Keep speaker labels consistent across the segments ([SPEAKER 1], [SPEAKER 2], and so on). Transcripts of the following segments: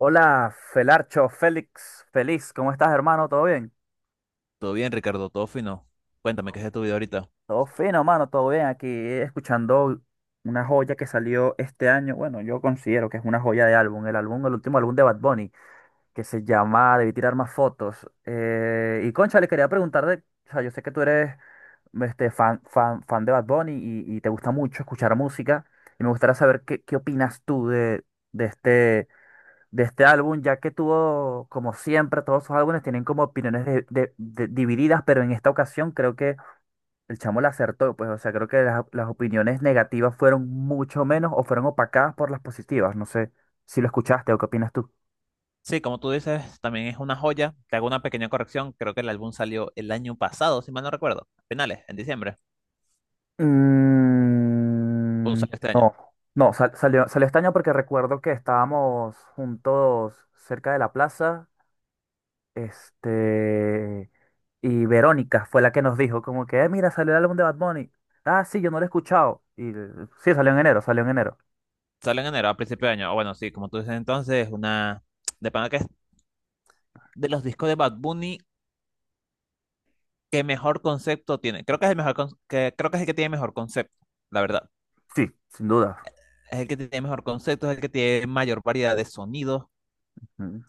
[SPEAKER 1] Hola, Felarcho, Félix, feliz, ¿cómo estás, hermano? ¿Todo bien?
[SPEAKER 2] Todo bien, Ricardo, todo fino. Cuéntame, ¿qué es de tu vida ahorita?
[SPEAKER 1] Todo fino, hermano, todo bien. Aquí escuchando una joya que salió este año. Bueno, yo considero que es una joya de álbum, el último álbum de Bad Bunny, que se llama Debí tirar más fotos. Y concha, le quería preguntar o sea, yo sé que tú eres fan de Bad Bunny y te gusta mucho escuchar música. Y me gustaría saber qué opinas tú de de este álbum, ya que tuvo, como siempre, todos sus álbumes tienen como opiniones divididas, pero en esta ocasión creo que el chamo la acertó, pues, o sea, creo que las opiniones negativas fueron mucho menos o fueron opacadas por las positivas, no sé si lo escuchaste o qué opinas tú.
[SPEAKER 2] Sí, como tú dices, también es una joya. Te hago una pequeña corrección. Creo que el álbum salió el año pasado, si mal no recuerdo. A finales, en diciembre. O
[SPEAKER 1] Mm,
[SPEAKER 2] sale este año.
[SPEAKER 1] no, no, sal- salió, salió este año porque recuerdo que estábamos juntos cerca de la plaza. Este, y Verónica fue la que nos dijo como que, mira, salió el álbum de Bad Bunny. Ah, sí, yo no lo he escuchado". Sí, salió en enero, salió en enero.
[SPEAKER 2] Sale en enero, a principio de año. Ah, bueno, sí, como tú dices entonces, una... De pana que es de los discos de Bad Bunny, ¿qué mejor concepto tiene? Creo que es el mejor que... Creo que es el que tiene mejor concepto, la verdad.
[SPEAKER 1] Sí, sin duda.
[SPEAKER 2] Es el que tiene mejor concepto, es el que tiene mayor variedad de sonidos,
[SPEAKER 1] Ujú.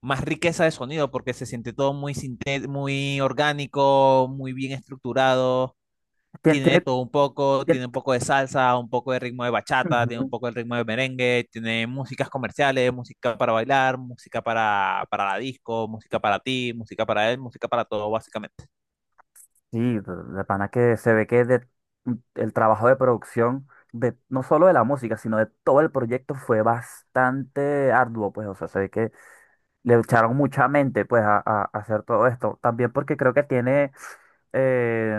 [SPEAKER 2] más riqueza de sonido porque se siente todo muy, muy orgánico, muy bien estructurado.
[SPEAKER 1] Tien-
[SPEAKER 2] Tiene de
[SPEAKER 1] Tiene,
[SPEAKER 2] todo un poco,
[SPEAKER 1] tiene-
[SPEAKER 2] tiene un poco de salsa, un poco de ritmo de bachata, tiene
[SPEAKER 1] Ujú.
[SPEAKER 2] un poco del ritmo de merengue, tiene músicas comerciales, música para bailar, música para la disco, música para ti, música para él, música para todo, básicamente.
[SPEAKER 1] Sí, de pana que se ve que el trabajo de producción de no solo de la música, sino de todo el proyecto fue bastante arduo, pues, o sea, se ve que le echaron mucha mente, pues, a hacer todo esto. También porque creo que tiene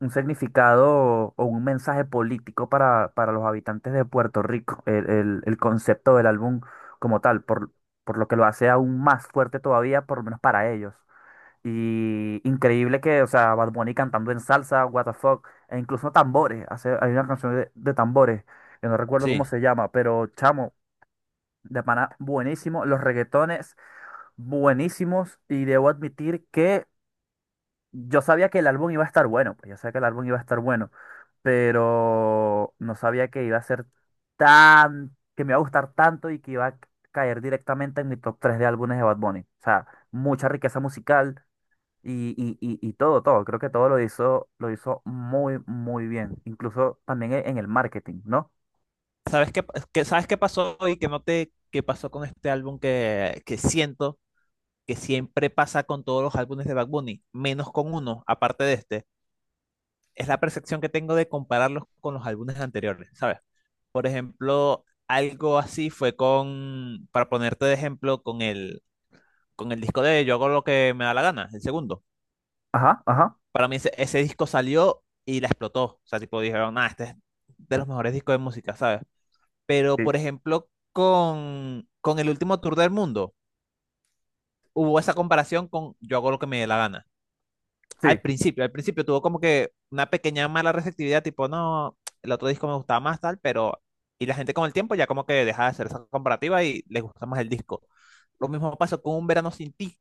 [SPEAKER 1] un significado o un mensaje político para los habitantes de Puerto Rico, el concepto del álbum como tal, por lo que lo hace aún más fuerte todavía, por lo menos para ellos. Y increíble que, o sea, Bad Bunny cantando en salsa, what the fuck, e incluso tambores, hace, hay una canción de tambores, que no recuerdo cómo
[SPEAKER 2] Sí.
[SPEAKER 1] se llama, pero chamo, de pana, buenísimo, los reggaetones, buenísimos, y debo admitir que yo sabía que el álbum iba a estar bueno, pues yo sabía que el álbum iba a estar bueno, pero no sabía que iba a ser que me iba a gustar tanto y que iba a caer directamente en mi top 3 de álbumes de Bad Bunny. O sea, mucha riqueza musical y todo, todo. Creo que todo lo hizo muy, muy bien. Incluso también en el marketing, ¿no?
[SPEAKER 2] ¿Sabes qué pasó y qué noté qué pasó con este álbum que siento que siempre pasa con todos los álbumes de Bad Bunny, menos con uno, aparte de este? Es la percepción que tengo de compararlos con los álbumes anteriores, ¿sabes? Por ejemplo, algo así fue para ponerte de ejemplo, con el disco de Yo Hago Lo Que Me Da La Gana, el segundo.
[SPEAKER 1] Ajá, ajá.
[SPEAKER 2] Para mí ese disco salió y la explotó. O sea, tipo dijeron, ah, este es de los mejores discos de música, ¿sabes? Pero,
[SPEAKER 1] Sí,
[SPEAKER 2] por ejemplo, con el último tour del mundo, hubo esa comparación con Yo Hago Lo Que Me Dé La Gana.
[SPEAKER 1] sí,
[SPEAKER 2] Al principio tuvo como que una pequeña mala receptividad, tipo, no, el otro disco me gustaba más tal, pero... Y la gente con el tiempo ya como que deja de hacer esa comparativa y les gusta más el disco. Lo mismo pasó con Un Verano Sin Ti,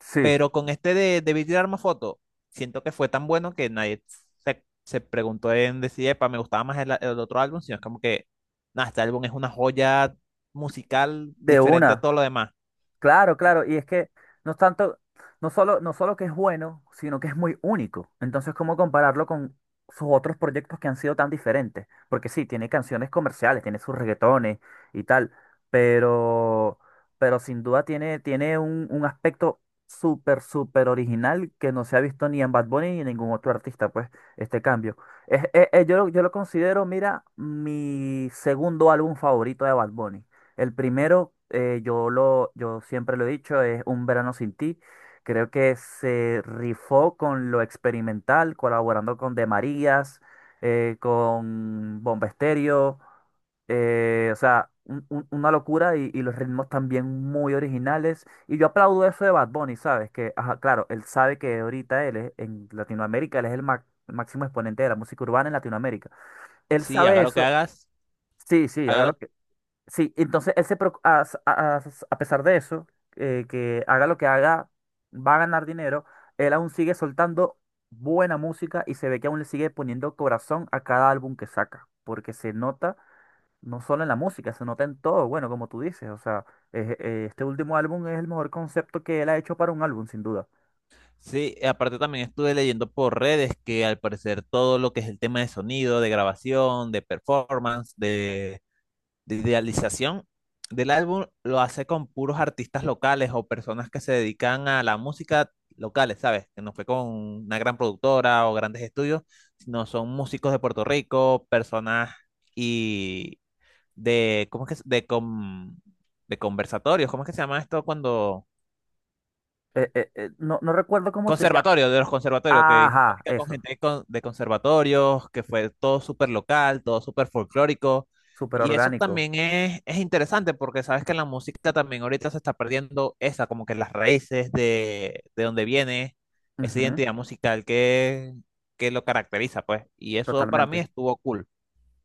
[SPEAKER 1] sí.
[SPEAKER 2] pero con este de Beat y Arma Foto, siento que fue tan bueno que nadie se preguntó en decir, epa, me gustaba más el otro álbum, sino es como que, nada, este álbum es una joya musical
[SPEAKER 1] De
[SPEAKER 2] diferente a
[SPEAKER 1] una.
[SPEAKER 2] todo lo demás.
[SPEAKER 1] Claro, claro, y es que no es tanto, no solo, no solo que es bueno, sino que es muy único. Entonces, ¿cómo compararlo con sus otros proyectos que han sido tan diferentes? Porque sí, tiene canciones comerciales, tiene sus reggaetones y tal, pero, pero sin duda tiene, tiene un aspecto súper, súper original que no se ha visto ni en Bad Bunny ni en ningún otro artista, pues, este cambio. Yo, yo lo considero, mira, mi segundo álbum favorito de Bad Bunny. El primero, yo siempre lo he dicho, es Un Verano Sin Ti. Creo que se rifó con lo experimental, colaborando con De Marías, con Bomba Estéreo, o sea, una locura y los ritmos también muy originales. Y yo aplaudo eso de Bad Bunny, ¿sabes? Que, ajá, claro, él sabe que ahorita él es, en Latinoamérica, él es el máximo exponente de la música urbana en Latinoamérica. Él
[SPEAKER 2] Sí,
[SPEAKER 1] sabe
[SPEAKER 2] haga lo que
[SPEAKER 1] eso.
[SPEAKER 2] hagas,
[SPEAKER 1] Sí, sí,
[SPEAKER 2] haga
[SPEAKER 1] hágalo.
[SPEAKER 2] lo.
[SPEAKER 1] Sí, entonces él se preocu- a pesar de eso, que haga lo que haga, va a ganar dinero, él aún sigue soltando buena música y se ve que aún le sigue poniendo corazón a cada álbum que saca, porque se nota no solo en la música, se nota en todo, bueno, como tú dices, o sea, este último álbum es el mejor concepto que él ha hecho para un álbum, sin duda.
[SPEAKER 2] Sí, y aparte también estuve leyendo por redes que al parecer todo lo que es el tema de sonido, de grabación, de performance, de idealización del álbum lo hace con puros artistas locales o personas que se dedican a la música locales, ¿sabes? Que no fue con una gran productora o grandes estudios, sino son músicos de Puerto Rico, personas y de, ¿cómo es que, de conversatorios, ¿cómo es que se llama esto cuando?
[SPEAKER 1] No, no recuerdo cómo se llama.
[SPEAKER 2] Conservatorio, de los conservatorios, que hice
[SPEAKER 1] Ajá,
[SPEAKER 2] música con
[SPEAKER 1] eso,
[SPEAKER 2] gente de conservatorios, que fue todo súper local, todo súper folclórico.
[SPEAKER 1] súper
[SPEAKER 2] Y eso
[SPEAKER 1] orgánico.
[SPEAKER 2] también es interesante porque sabes que la música también ahorita se está perdiendo esa, como que las raíces de donde viene esa
[SPEAKER 1] Ujú,
[SPEAKER 2] identidad musical que lo caracteriza, pues. Y eso para mí
[SPEAKER 1] totalmente.
[SPEAKER 2] estuvo cool.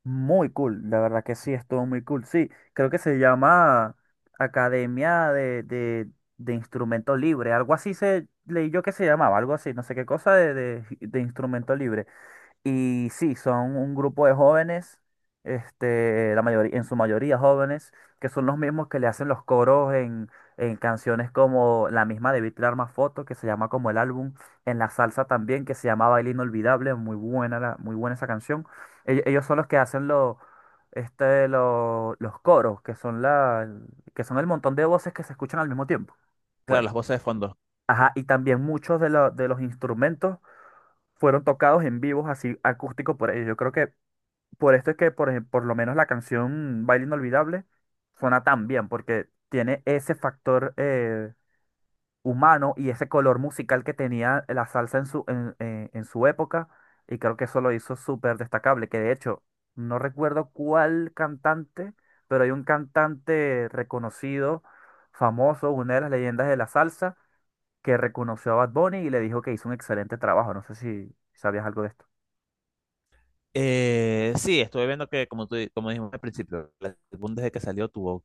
[SPEAKER 1] Muy cool, la verdad que sí, estuvo muy cool. Sí, creo que se llama Academia de Instrumento Libre, algo así se leí yo que se llamaba, algo así, no sé qué cosa de Instrumento Libre. Y sí, son un grupo de jóvenes, este, la mayoría, en su mayoría jóvenes, que son los mismos que le hacen los coros en canciones como la misma de Beat Arma Foto, que se llama como el álbum, en la salsa también, que se llama Baile Inolvidable, muy buena, muy buena esa canción. Ellos, son los que hacen los coros, que son el montón de voces que se escuchan al mismo tiempo.
[SPEAKER 2] Claro,
[SPEAKER 1] Bueno.
[SPEAKER 2] las voces de fondo.
[SPEAKER 1] Ajá, y también muchos de los instrumentos fueron tocados en vivos, así acústico por ellos. Yo creo que por esto es que, por lo menos la canción Baile Inolvidable suena tan bien, porque tiene ese factor humano y ese color musical que tenía la salsa en su, en su época, y creo que eso lo hizo súper destacable, que de hecho, no recuerdo cuál cantante, pero hay un cantante reconocido, famoso, una de las leyendas de la salsa que reconoció a Bad Bunny y le dijo que hizo un excelente trabajo. No sé si sabías algo de esto.
[SPEAKER 2] Sí, estuve viendo que, como tú, como dijimos al principio, el álbum desde que salió tuvo, o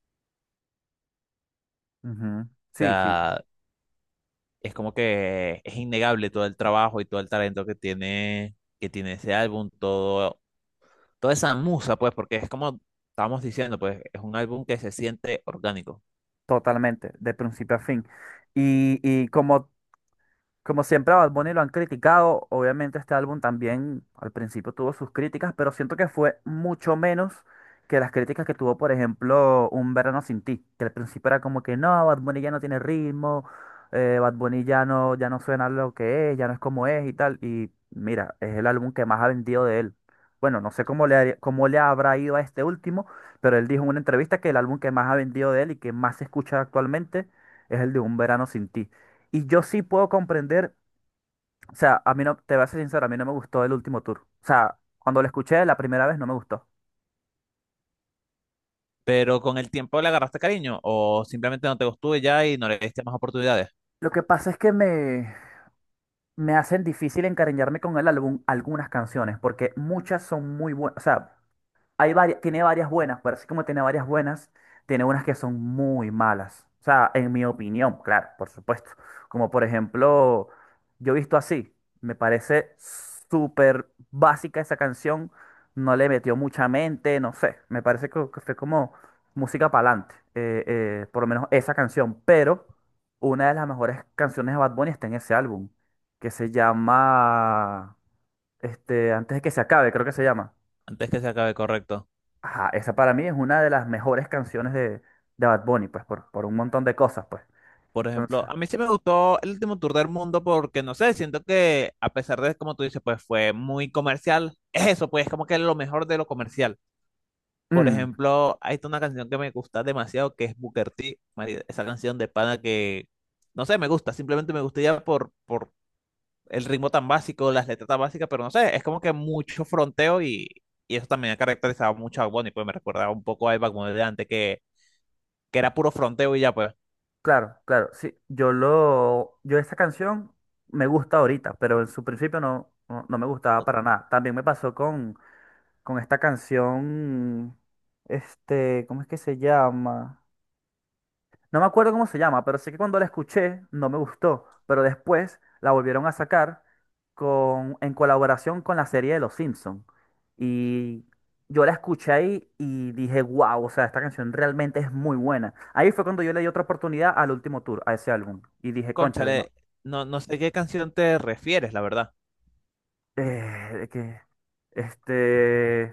[SPEAKER 1] Ujú. Sí, sí,
[SPEAKER 2] sea, es como que es innegable todo el trabajo y todo el talento que tiene ese álbum, todo, toda esa musa, pues, porque es como estábamos diciendo, pues, es un álbum que se siente orgánico.
[SPEAKER 1] totalmente, de principio a fin. Y como. Como siempre a Bad Bunny lo han criticado, obviamente este álbum también al principio tuvo sus críticas, pero siento que fue mucho menos que las críticas que tuvo, por ejemplo, Un Verano Sin Ti, que al principio era como que no, Bad Bunny ya no tiene ritmo, Bad Bunny ya no, ya no suena lo que es, ya no es como es y tal, y mira, es el álbum que más ha vendido de él. Bueno, no sé cómo le habrá ido a este último, pero él dijo en una entrevista que el álbum que más ha vendido de él y que más se escucha actualmente es el de Un Verano Sin Ti. Y yo sí puedo comprender, o sea, a mí no, te voy a ser sincero, a mí no me gustó el último tour. O sea, cuando lo escuché la primera vez no me gustó.
[SPEAKER 2] Pero con el tiempo le agarraste cariño o simplemente no te gustó y ya y no le diste más oportunidades.
[SPEAKER 1] Lo que pasa es que me hacen difícil encariñarme con el álbum algunas canciones, porque muchas son muy buenas, o sea, hay varias, tiene varias buenas, pero así como tiene varias buenas, tiene unas que son muy malas. O sea, en mi opinión, claro, por supuesto. Como por ejemplo, yo he visto así, me parece súper básica esa canción, no le metió mucha mente, no sé, me parece que fue como música para adelante, por lo menos esa canción, pero una de las mejores canciones de Bad Bunny está en ese álbum, que se llama, Antes de que se acabe, creo que se llama.
[SPEAKER 2] Antes que se acabe, correcto.
[SPEAKER 1] Ajá, esa para mí es una de las mejores canciones de Bad Bunny, pues, por un montón de cosas, pues.
[SPEAKER 2] Por
[SPEAKER 1] Entonces,
[SPEAKER 2] ejemplo, a mí sí me gustó el último tour del mundo porque, no sé, siento que a pesar de, como tú dices, pues fue muy comercial, es eso, pues como que lo mejor de lo comercial. Por
[SPEAKER 1] mm,
[SPEAKER 2] ejemplo, hay una canción que me gusta demasiado que es Booker T. Esa canción de pana no sé, me gusta. Simplemente me gusta ya por el ritmo tan básico, las letras tan básicas, pero no sé, es como que mucho fronteo y eso también ha caracterizado mucho a Bad Bunny, pues me recordaba un poco a Bad Bunny de antes que era puro fronteo y ya pues.
[SPEAKER 1] claro, claro, sí, yo esa canción me gusta ahorita, pero en su principio no, no, no me gustaba para nada. También me pasó con esta canción, este, ¿cómo es que se llama? No me acuerdo cómo se llama, pero sé que cuando la escuché no me gustó, pero después la volvieron a sacar en colaboración con la serie de Los Simpsons. Y yo la escuché ahí y dije, wow, o sea, esta canción realmente es muy buena. Ahí fue cuando yo le di otra oportunidad al último tour, a ese álbum. Y dije, cónchale, no.
[SPEAKER 2] Cónchale, no, no sé qué canción te refieres, la verdad.
[SPEAKER 1] eh, que, este,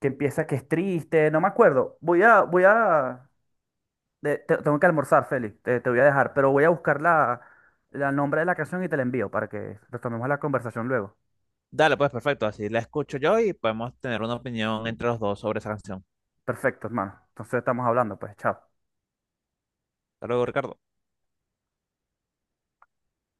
[SPEAKER 1] que empieza que es triste, no me acuerdo. Voy a, voy a, de- te- Tengo que almorzar, Félix. Te voy a dejar, pero voy a buscar la nombre de la canción y te la envío para que retomemos la conversación luego.
[SPEAKER 2] Dale, pues perfecto, así la escucho yo y podemos tener una opinión entre los dos sobre esa canción.
[SPEAKER 1] Perfecto, hermano. Entonces estamos hablando, pues, chao.
[SPEAKER 2] Hasta luego, Ricardo.